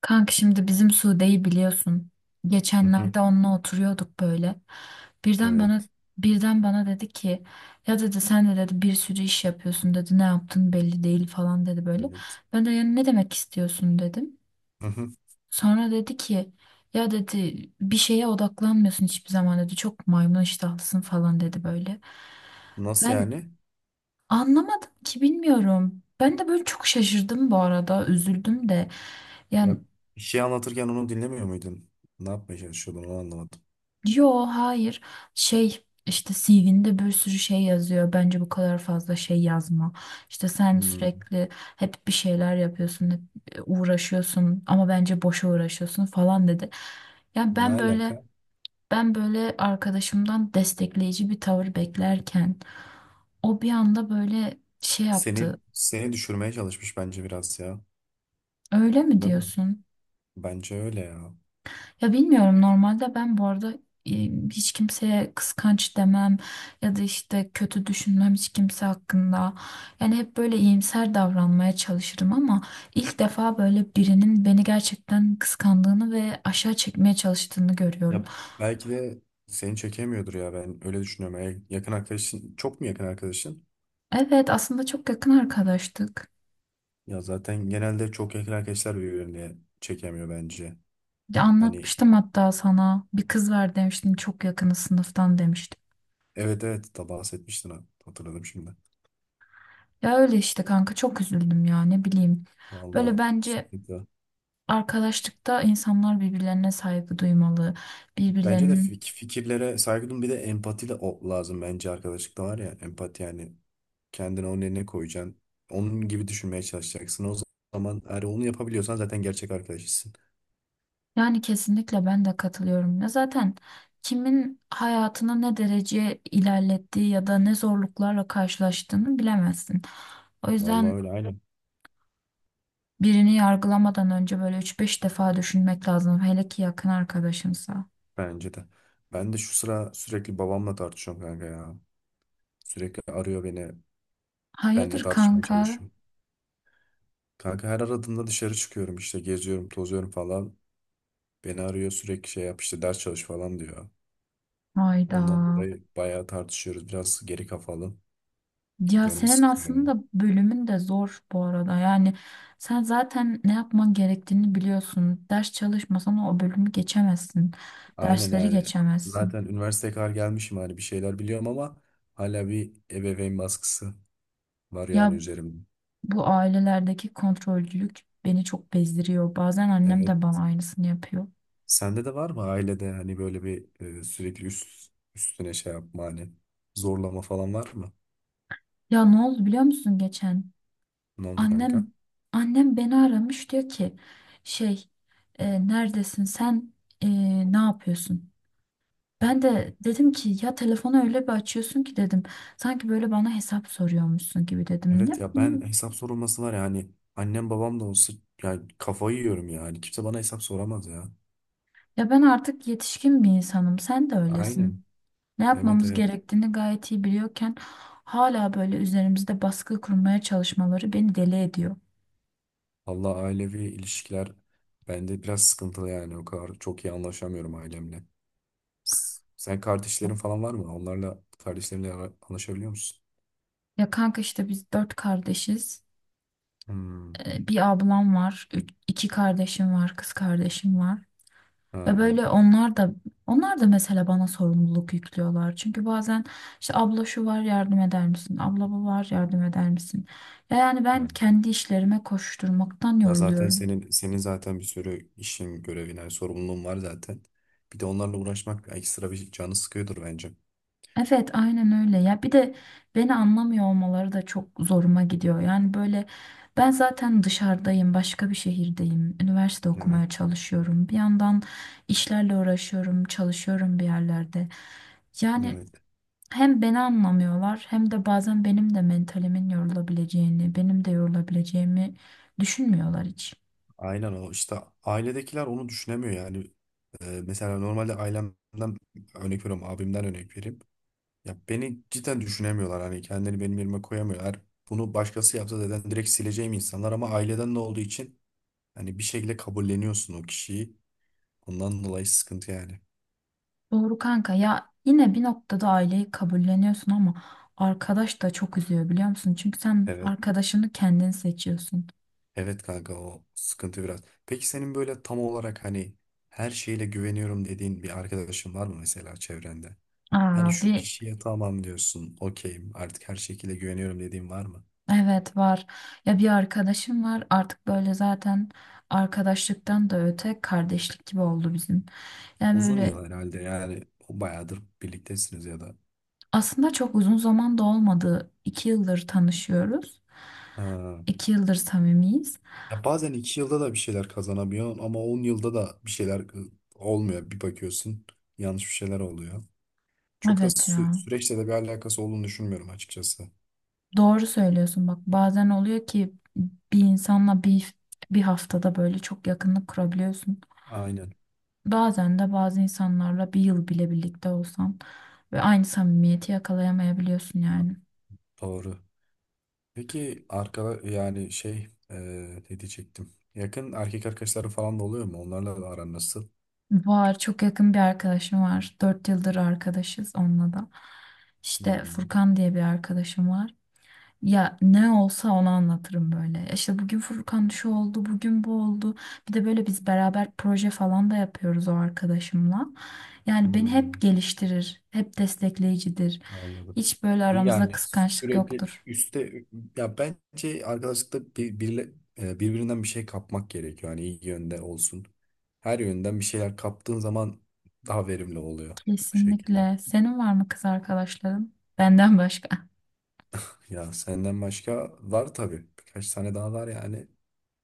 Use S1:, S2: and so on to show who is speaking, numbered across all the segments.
S1: Kanka, şimdi bizim Sude'yi biliyorsun.
S2: Hı hı.
S1: Geçenlerde onunla oturuyorduk böyle. Birden bana
S2: Evet.
S1: birden bana dedi ki, ya dedi sen de dedi bir sürü iş yapıyorsun dedi, ne yaptın belli değil falan dedi böyle.
S2: Evet.
S1: Ben de yani ne demek istiyorsun dedim.
S2: Hı hı.
S1: Sonra dedi ki, ya dedi bir şeye odaklanmıyorsun hiçbir zaman dedi, çok maymun iştahlısın falan dedi böyle.
S2: Nasıl
S1: Ben
S2: yani?
S1: anlamadım ki, bilmiyorum. Ben de böyle çok şaşırdım, bu arada üzüldüm de. Yani.
S2: Ya, bir şey anlatırken onu dinlemiyor muydun? Ne yapmaya çalışıyordun onu anlamadım.
S1: Yo hayır, şey işte CV'nde bir sürü şey yazıyor, bence bu kadar fazla şey yazma, işte sen
S2: Hmm.
S1: sürekli hep bir şeyler yapıyorsun, hep uğraşıyorsun ama bence boşa uğraşıyorsun falan dedi. Ya
S2: Ne
S1: ben böyle
S2: alaka?
S1: ben böyle arkadaşımdan destekleyici bir tavır beklerken o bir anda böyle şey
S2: Seni
S1: yaptı.
S2: seni düşürmeye çalışmış bence biraz ya.
S1: Öyle mi
S2: Değil mi?
S1: diyorsun?
S2: Bence öyle ya.
S1: Ya bilmiyorum, normalde ben bu arada e, hiç kimseye kıskanç demem ya da işte kötü düşünmem hiç kimse hakkında. Yani hep böyle iyimser davranmaya çalışırım ama ilk defa böyle birinin beni gerçekten kıskandığını ve aşağı çekmeye çalıştığını görüyorum.
S2: Ya belki de seni çekemiyordur ya, ben öyle düşünüyorum. Eğer yakın arkadaşın, çok mu yakın arkadaşın?
S1: Evet, aslında çok yakın arkadaştık.
S2: Ya zaten genelde çok yakın arkadaşlar birbirini çekemiyor bence.
S1: Ya
S2: Hani,
S1: anlatmıştım hatta sana, bir kız var demiştim, çok yakını sınıftan demiştim.
S2: evet evet, da bahsetmiştin ha. Hatırladım şimdi.
S1: Ya öyle işte kanka, çok üzüldüm ya, ne bileyim. Böyle
S2: Vallahi
S1: bence,
S2: sıkıntı.
S1: arkadaşlıkta insanlar birbirlerine saygı duymalı,
S2: Bence de
S1: birbirlerinin,
S2: fikirlere saygı duyun, bir de empati de o lazım bence arkadaşlıkta, var ya empati, yani kendini onun yerine koyacaksın. Onun gibi düşünmeye çalışacaksın. O zaman, eğer onu yapabiliyorsan, zaten gerçek arkadaşısın.
S1: yani, kesinlikle ben de katılıyorum. Ya zaten kimin hayatını ne derece ilerlettiği ya da ne zorluklarla karşılaştığını bilemezsin. O
S2: Vallahi
S1: yüzden
S2: öyle, aynen,
S1: birini yargılamadan önce böyle üç beş defa düşünmek lazım. Hele ki yakın arkadaşımsa.
S2: bence de. Ben de şu sıra sürekli babamla tartışıyorum kanka ya. Sürekli arıyor beni. Benle
S1: Hayırdır
S2: tartışmaya
S1: kanka?
S2: çalışıyor. Kanka, her aradığımda dışarı çıkıyorum, işte geziyorum tozuyorum falan. Beni arıyor sürekli, şey yap işte, ders çalış falan diyor.
S1: Hayda.
S2: Ondan dolayı bayağı tartışıyoruz. Biraz geri kafalı.
S1: Ya
S2: Canım
S1: senin
S2: sıkılıyor yani.
S1: aslında bölümün de zor bu arada. Yani sen zaten ne yapman gerektiğini biliyorsun. Ders çalışmasan o bölümü geçemezsin.
S2: Aynen
S1: Dersleri
S2: yani.
S1: geçemezsin.
S2: Zaten üniversiteye kadar gelmişim, hani bir şeyler biliyorum ama hala bir ebeveyn baskısı var yani
S1: Ya
S2: üzerimde.
S1: bu ailelerdeki kontrolcülük beni çok bezdiriyor. Bazen annem de
S2: Evet.
S1: bana aynısını yapıyor.
S2: Sende de var mı ailede hani böyle bir sürekli üstüne şey yapma, hani zorlama falan var mı?
S1: Ya ne oldu biliyor musun geçen?
S2: Ne oldu
S1: Annem
S2: kanka?
S1: annem beni aramış, diyor ki, şey, neredesin sen? E, ne yapıyorsun? Ben de dedim ki, ya telefonu öyle bir açıyorsun ki dedim. Sanki böyle bana hesap soruyormuşsun gibi dedim. Ne
S2: Evet ya, ben
S1: bileyim.
S2: hesap sorulması var ya hani, annem babam da olsa yani kafayı yiyorum ya. Hani kimse bana hesap soramaz ya.
S1: Ya ben artık yetişkin bir insanım. Sen de
S2: Aynen.
S1: öylesin. Ne
S2: Evet,
S1: yapmamız
S2: evet.
S1: gerektiğini gayet iyi biliyorken hala böyle üzerimizde baskı kurmaya çalışmaları beni deli ediyor.
S2: Allah, ailevi ilişkiler bende biraz sıkıntılı yani, o kadar çok iyi anlaşamıyorum ailemle. Sen, kardeşlerin falan var mı? Onlarla, kardeşlerinle anlaşabiliyor musun?
S1: Ya kanka, işte biz dört kardeşiz.
S2: Hmm.
S1: Bir ablam var, iki kardeşim var, kız kardeşim var. Ve
S2: Ha.
S1: böyle onlar da mesela bana sorumluluk yüklüyorlar. Çünkü bazen işte, abla şu var yardım eder misin? Abla bu var yardım eder misin? Ya yani ben
S2: Ha.
S1: kendi işlerime koşturmaktan
S2: Ya zaten
S1: yoruluyorum.
S2: senin zaten bir sürü işin, görevin, yani sorumluluğun var zaten. Bir de onlarla uğraşmak ekstra bir canı sıkıyordur bence.
S1: Evet, aynen öyle. Ya bir de beni anlamıyor olmaları da çok zoruma gidiyor. Yani böyle, ben zaten dışarıdayım, başka bir şehirdeyim. Üniversite okumaya
S2: Evet,
S1: çalışıyorum. Bir yandan işlerle uğraşıyorum, çalışıyorum bir yerlerde. Yani
S2: evet.
S1: hem beni anlamıyorlar hem de bazen benim de mentalimin yorulabileceğini, benim de yorulabileceğimi düşünmüyorlar hiç.
S2: Aynen, o işte, ailedekiler onu düşünemiyor yani. Mesela normalde ailemden örnek veriyorum, abimden örnek vereyim. Ya beni cidden düşünemiyorlar, hani kendini benim yerime koyamıyorlar. Bunu başkası yapsa zaten direkt sileceğim insanlar, ama aileden de olduğu için hani bir şekilde kabulleniyorsun o kişiyi. Ondan dolayı sıkıntı yani.
S1: Doğru kanka ya, yine bir noktada aileyi kabulleniyorsun ama arkadaş da çok üzüyor, biliyor musun? Çünkü sen
S2: Evet.
S1: arkadaşını kendin seçiyorsun.
S2: Evet kanka, o sıkıntı biraz. Peki senin böyle tam olarak hani, her şeyle güveniyorum dediğin bir arkadaşın var mı mesela çevrende? Hani
S1: Abi,
S2: şu kişiye tamam diyorsun, okeyim artık her şekilde güveniyorum dediğin var mı?
S1: evet var. Ya bir arkadaşım var artık, böyle zaten arkadaşlıktan da öte kardeşlik gibi oldu bizim. Yani
S2: Uzun
S1: böyle.
S2: yıl herhalde yani, bayağıdır birliktesiniz ya da.
S1: Aslında çok uzun zaman da olmadı. İki yıldır tanışıyoruz.
S2: Ha.
S1: İki yıldır samimiyiz.
S2: Ya bazen iki yılda da bir şeyler kazanamıyorsun ama on yılda da bir şeyler olmuyor. Bir bakıyorsun, yanlış bir şeyler oluyor. Çok da
S1: Evet ya.
S2: süreçle de bir alakası olduğunu düşünmüyorum açıkçası.
S1: Doğru söylüyorsun bak. Bazen oluyor ki bir insanla bir, bir haftada böyle çok yakınlık kurabiliyorsun.
S2: Aynen.
S1: Bazen de bazı insanlarla bir yıl bile birlikte olsan ve aynı samimiyeti yakalayamayabiliyorsun
S2: Ha,
S1: yani.
S2: doğru. Peki yani şey, ne diyecektim? Yakın erkek arkadaşları falan da oluyor mu? Onlarla da aran nasıl?
S1: Var, çok yakın bir arkadaşım var. Dört yıldır arkadaşız onunla da. İşte
S2: Hmm,
S1: Furkan diye bir arkadaşım var. Ya ne olsa onu anlatırım böyle. Ya İşte bugün Furkan şu oldu, bugün bu oldu. Bir de böyle biz beraber proje falan da yapıyoruz o arkadaşımla. Yani beni hep
S2: hmm,
S1: geliştirir, hep destekleyicidir.
S2: anladım.
S1: Hiç böyle aramızda
S2: Yani
S1: kıskançlık
S2: sürekli
S1: yoktur.
S2: üste, ya bence arkadaşlıkta birbirinden bir şey kapmak gerekiyor. Hani iyi yönde olsun. Her yönden bir şeyler kaptığın zaman daha verimli oluyor bu şekilde.
S1: Kesinlikle. Senin var mı kız arkadaşların? Benden başka.
S2: Ya senden başka var tabii. Birkaç tane daha var yani.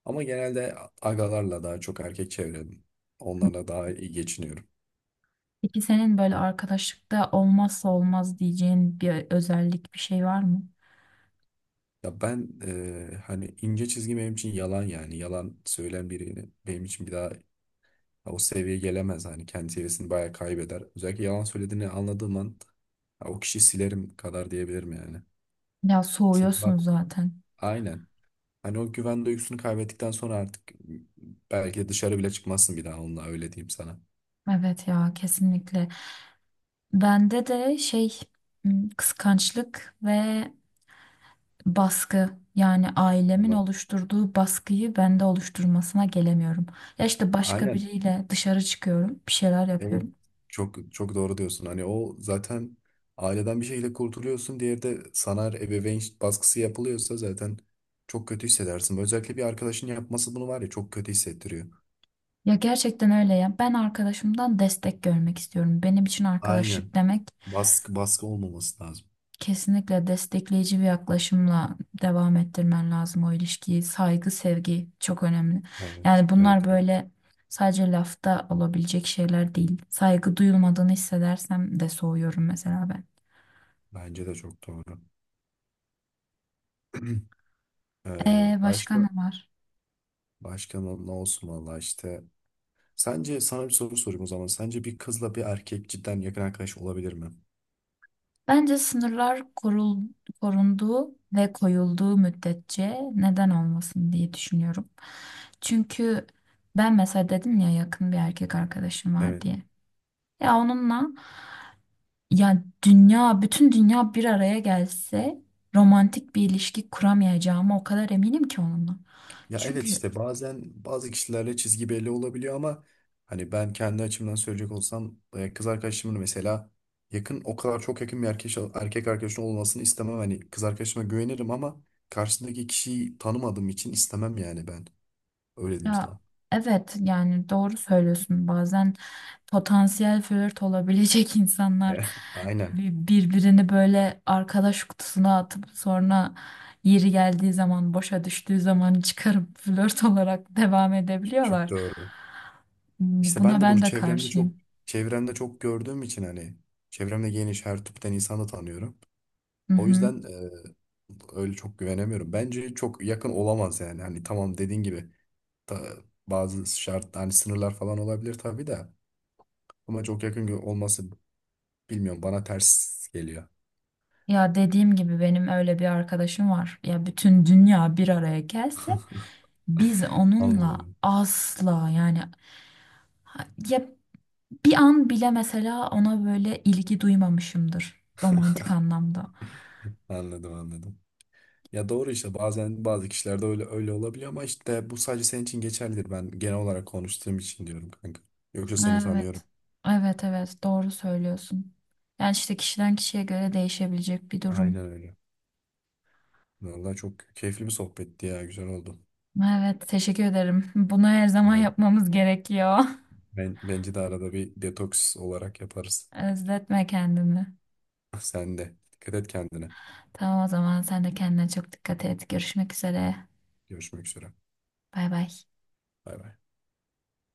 S2: Ama genelde agalarla, daha çok erkek çevrem. Onlarla daha iyi geçiniyorum.
S1: Peki senin böyle arkadaşlıkta olmazsa olmaz diyeceğin bir özellik, bir şey var mı?
S2: Ya ben hani ince çizgi benim için yalan yani. Yalan söyleyen birini benim için bir daha, ya o seviyeye gelemez. Hani kendi seviyesini bayağı kaybeder. Özellikle yalan söylediğini anladığım an, ya o kişiyi silerim kadar diyebilirim yani.
S1: Ya
S2: Senin var-
S1: soğuyorsun zaten.
S2: Aynen. Hani o güven duygusunu kaybettikten sonra, artık belki de dışarı bile çıkmazsın bir daha onunla, öyle diyeyim sana.
S1: Evet ya, kesinlikle. Bende de şey, kıskançlık ve baskı, yani ailemin
S2: Vallahi.
S1: oluşturduğu baskıyı bende oluşturmasına gelemiyorum. Ya işte başka
S2: Aynen.
S1: biriyle dışarı çıkıyorum, bir şeyler
S2: Evet.
S1: yapıyorum.
S2: Çok çok doğru diyorsun. Hani o zaten aileden bir şekilde kurtuluyorsun. Diğeri de sana ebeveyn baskısı yapılıyorsa zaten çok kötü hissedersin. Özellikle bir arkadaşın yapması, bunu var ya, çok kötü hissettiriyor.
S1: Ya gerçekten öyle ya. Ben arkadaşımdan destek görmek istiyorum. Benim için
S2: Aynen.
S1: arkadaşlık demek,
S2: Baskı olmaması lazım.
S1: kesinlikle destekleyici bir yaklaşımla devam ettirmen lazım o ilişkiyi. Saygı, sevgi çok önemli.
S2: Evet,
S1: Yani
S2: evet,
S1: bunlar
S2: evet.
S1: böyle sadece lafta olabilecek şeyler değil. Saygı duyulmadığını hissedersem de soğuyorum mesela ben.
S2: Bence de çok doğru. Ee,
S1: Başka
S2: başka
S1: ne var?
S2: başka ne olsun, valla işte. Sence, sana bir soru sorayım o zaman. Sence bir kızla bir erkek cidden yakın arkadaş olabilir mi?
S1: Bence sınırlar korunduğu ve koyulduğu müddetçe neden olmasın diye düşünüyorum. Çünkü ben mesela dedim ya yakın bir erkek arkadaşım var
S2: Evet.
S1: diye. Ya onunla, ya dünya, bütün dünya bir araya gelse romantik bir ilişki kuramayacağıma o kadar eminim ki onunla.
S2: Ya evet,
S1: Çünkü
S2: işte bazen bazı kişilerle çizgi belli olabiliyor ama hani ben kendi açımdan söyleyecek olsam, kız arkadaşımın mesela yakın, o kadar çok yakın bir erkek arkadaşın olmasını istemem. Hani kız arkadaşıma güvenirim ama karşısındaki kişiyi tanımadığım için istemem yani ben. Öyle diyeyim
S1: ya
S2: sana.
S1: evet, yani doğru söylüyorsun, bazen potansiyel flört olabilecek insanlar
S2: Eh, aynen.
S1: birbirini böyle arkadaş kutusuna atıp sonra yeri geldiği zaman, boşa düştüğü zaman çıkarıp flört olarak devam
S2: Çok
S1: edebiliyorlar.
S2: doğru. İşte
S1: Buna
S2: ben de
S1: ben
S2: bunu
S1: de
S2: çevremde çok,
S1: karşıyım.
S2: gördüğüm için hani, çevremde geniş her tipten insanı tanıyorum.
S1: Hı
S2: O
S1: hı.
S2: yüzden öyle çok güvenemiyorum. Bence çok yakın olamaz yani. Hani tamam, dediğin gibi ta- bazı şart, hani sınırlar falan olabilir tabii de, ama çok yakın olması, bilmiyorum, bana ters geliyor.
S1: Ya dediğim gibi benim öyle bir arkadaşım var. Ya bütün dünya bir araya gelse biz onunla
S2: Anladım.
S1: asla, yani, ya bir an bile mesela ona böyle ilgi duymamışımdır romantik anlamda.
S2: Anladım, anladım. Ya doğru, işte bazen bazı kişilerde öyle öyle olabiliyor ama işte bu sadece senin için geçerlidir. Ben genel olarak konuştuğum için diyorum kanka. Yoksa seni tanıyorum.
S1: Evet. Evet, evet, doğru söylüyorsun. Yani işte kişiden kişiye göre değişebilecek bir durum.
S2: Aynen öyle. Vallahi çok keyifli bir sohbetti ya. Güzel oldu.
S1: Evet, teşekkür ederim. Bunu her zaman
S2: Ben
S1: yapmamız gerekiyor.
S2: Bence de arada bir detoks olarak yaparız.
S1: Özletme kendini.
S2: Sen de. Dikkat et kendine.
S1: Tamam, o zaman sen de kendine çok dikkat et. Görüşmek üzere.
S2: Görüşmek üzere.
S1: Bay bay.
S2: Bay bay.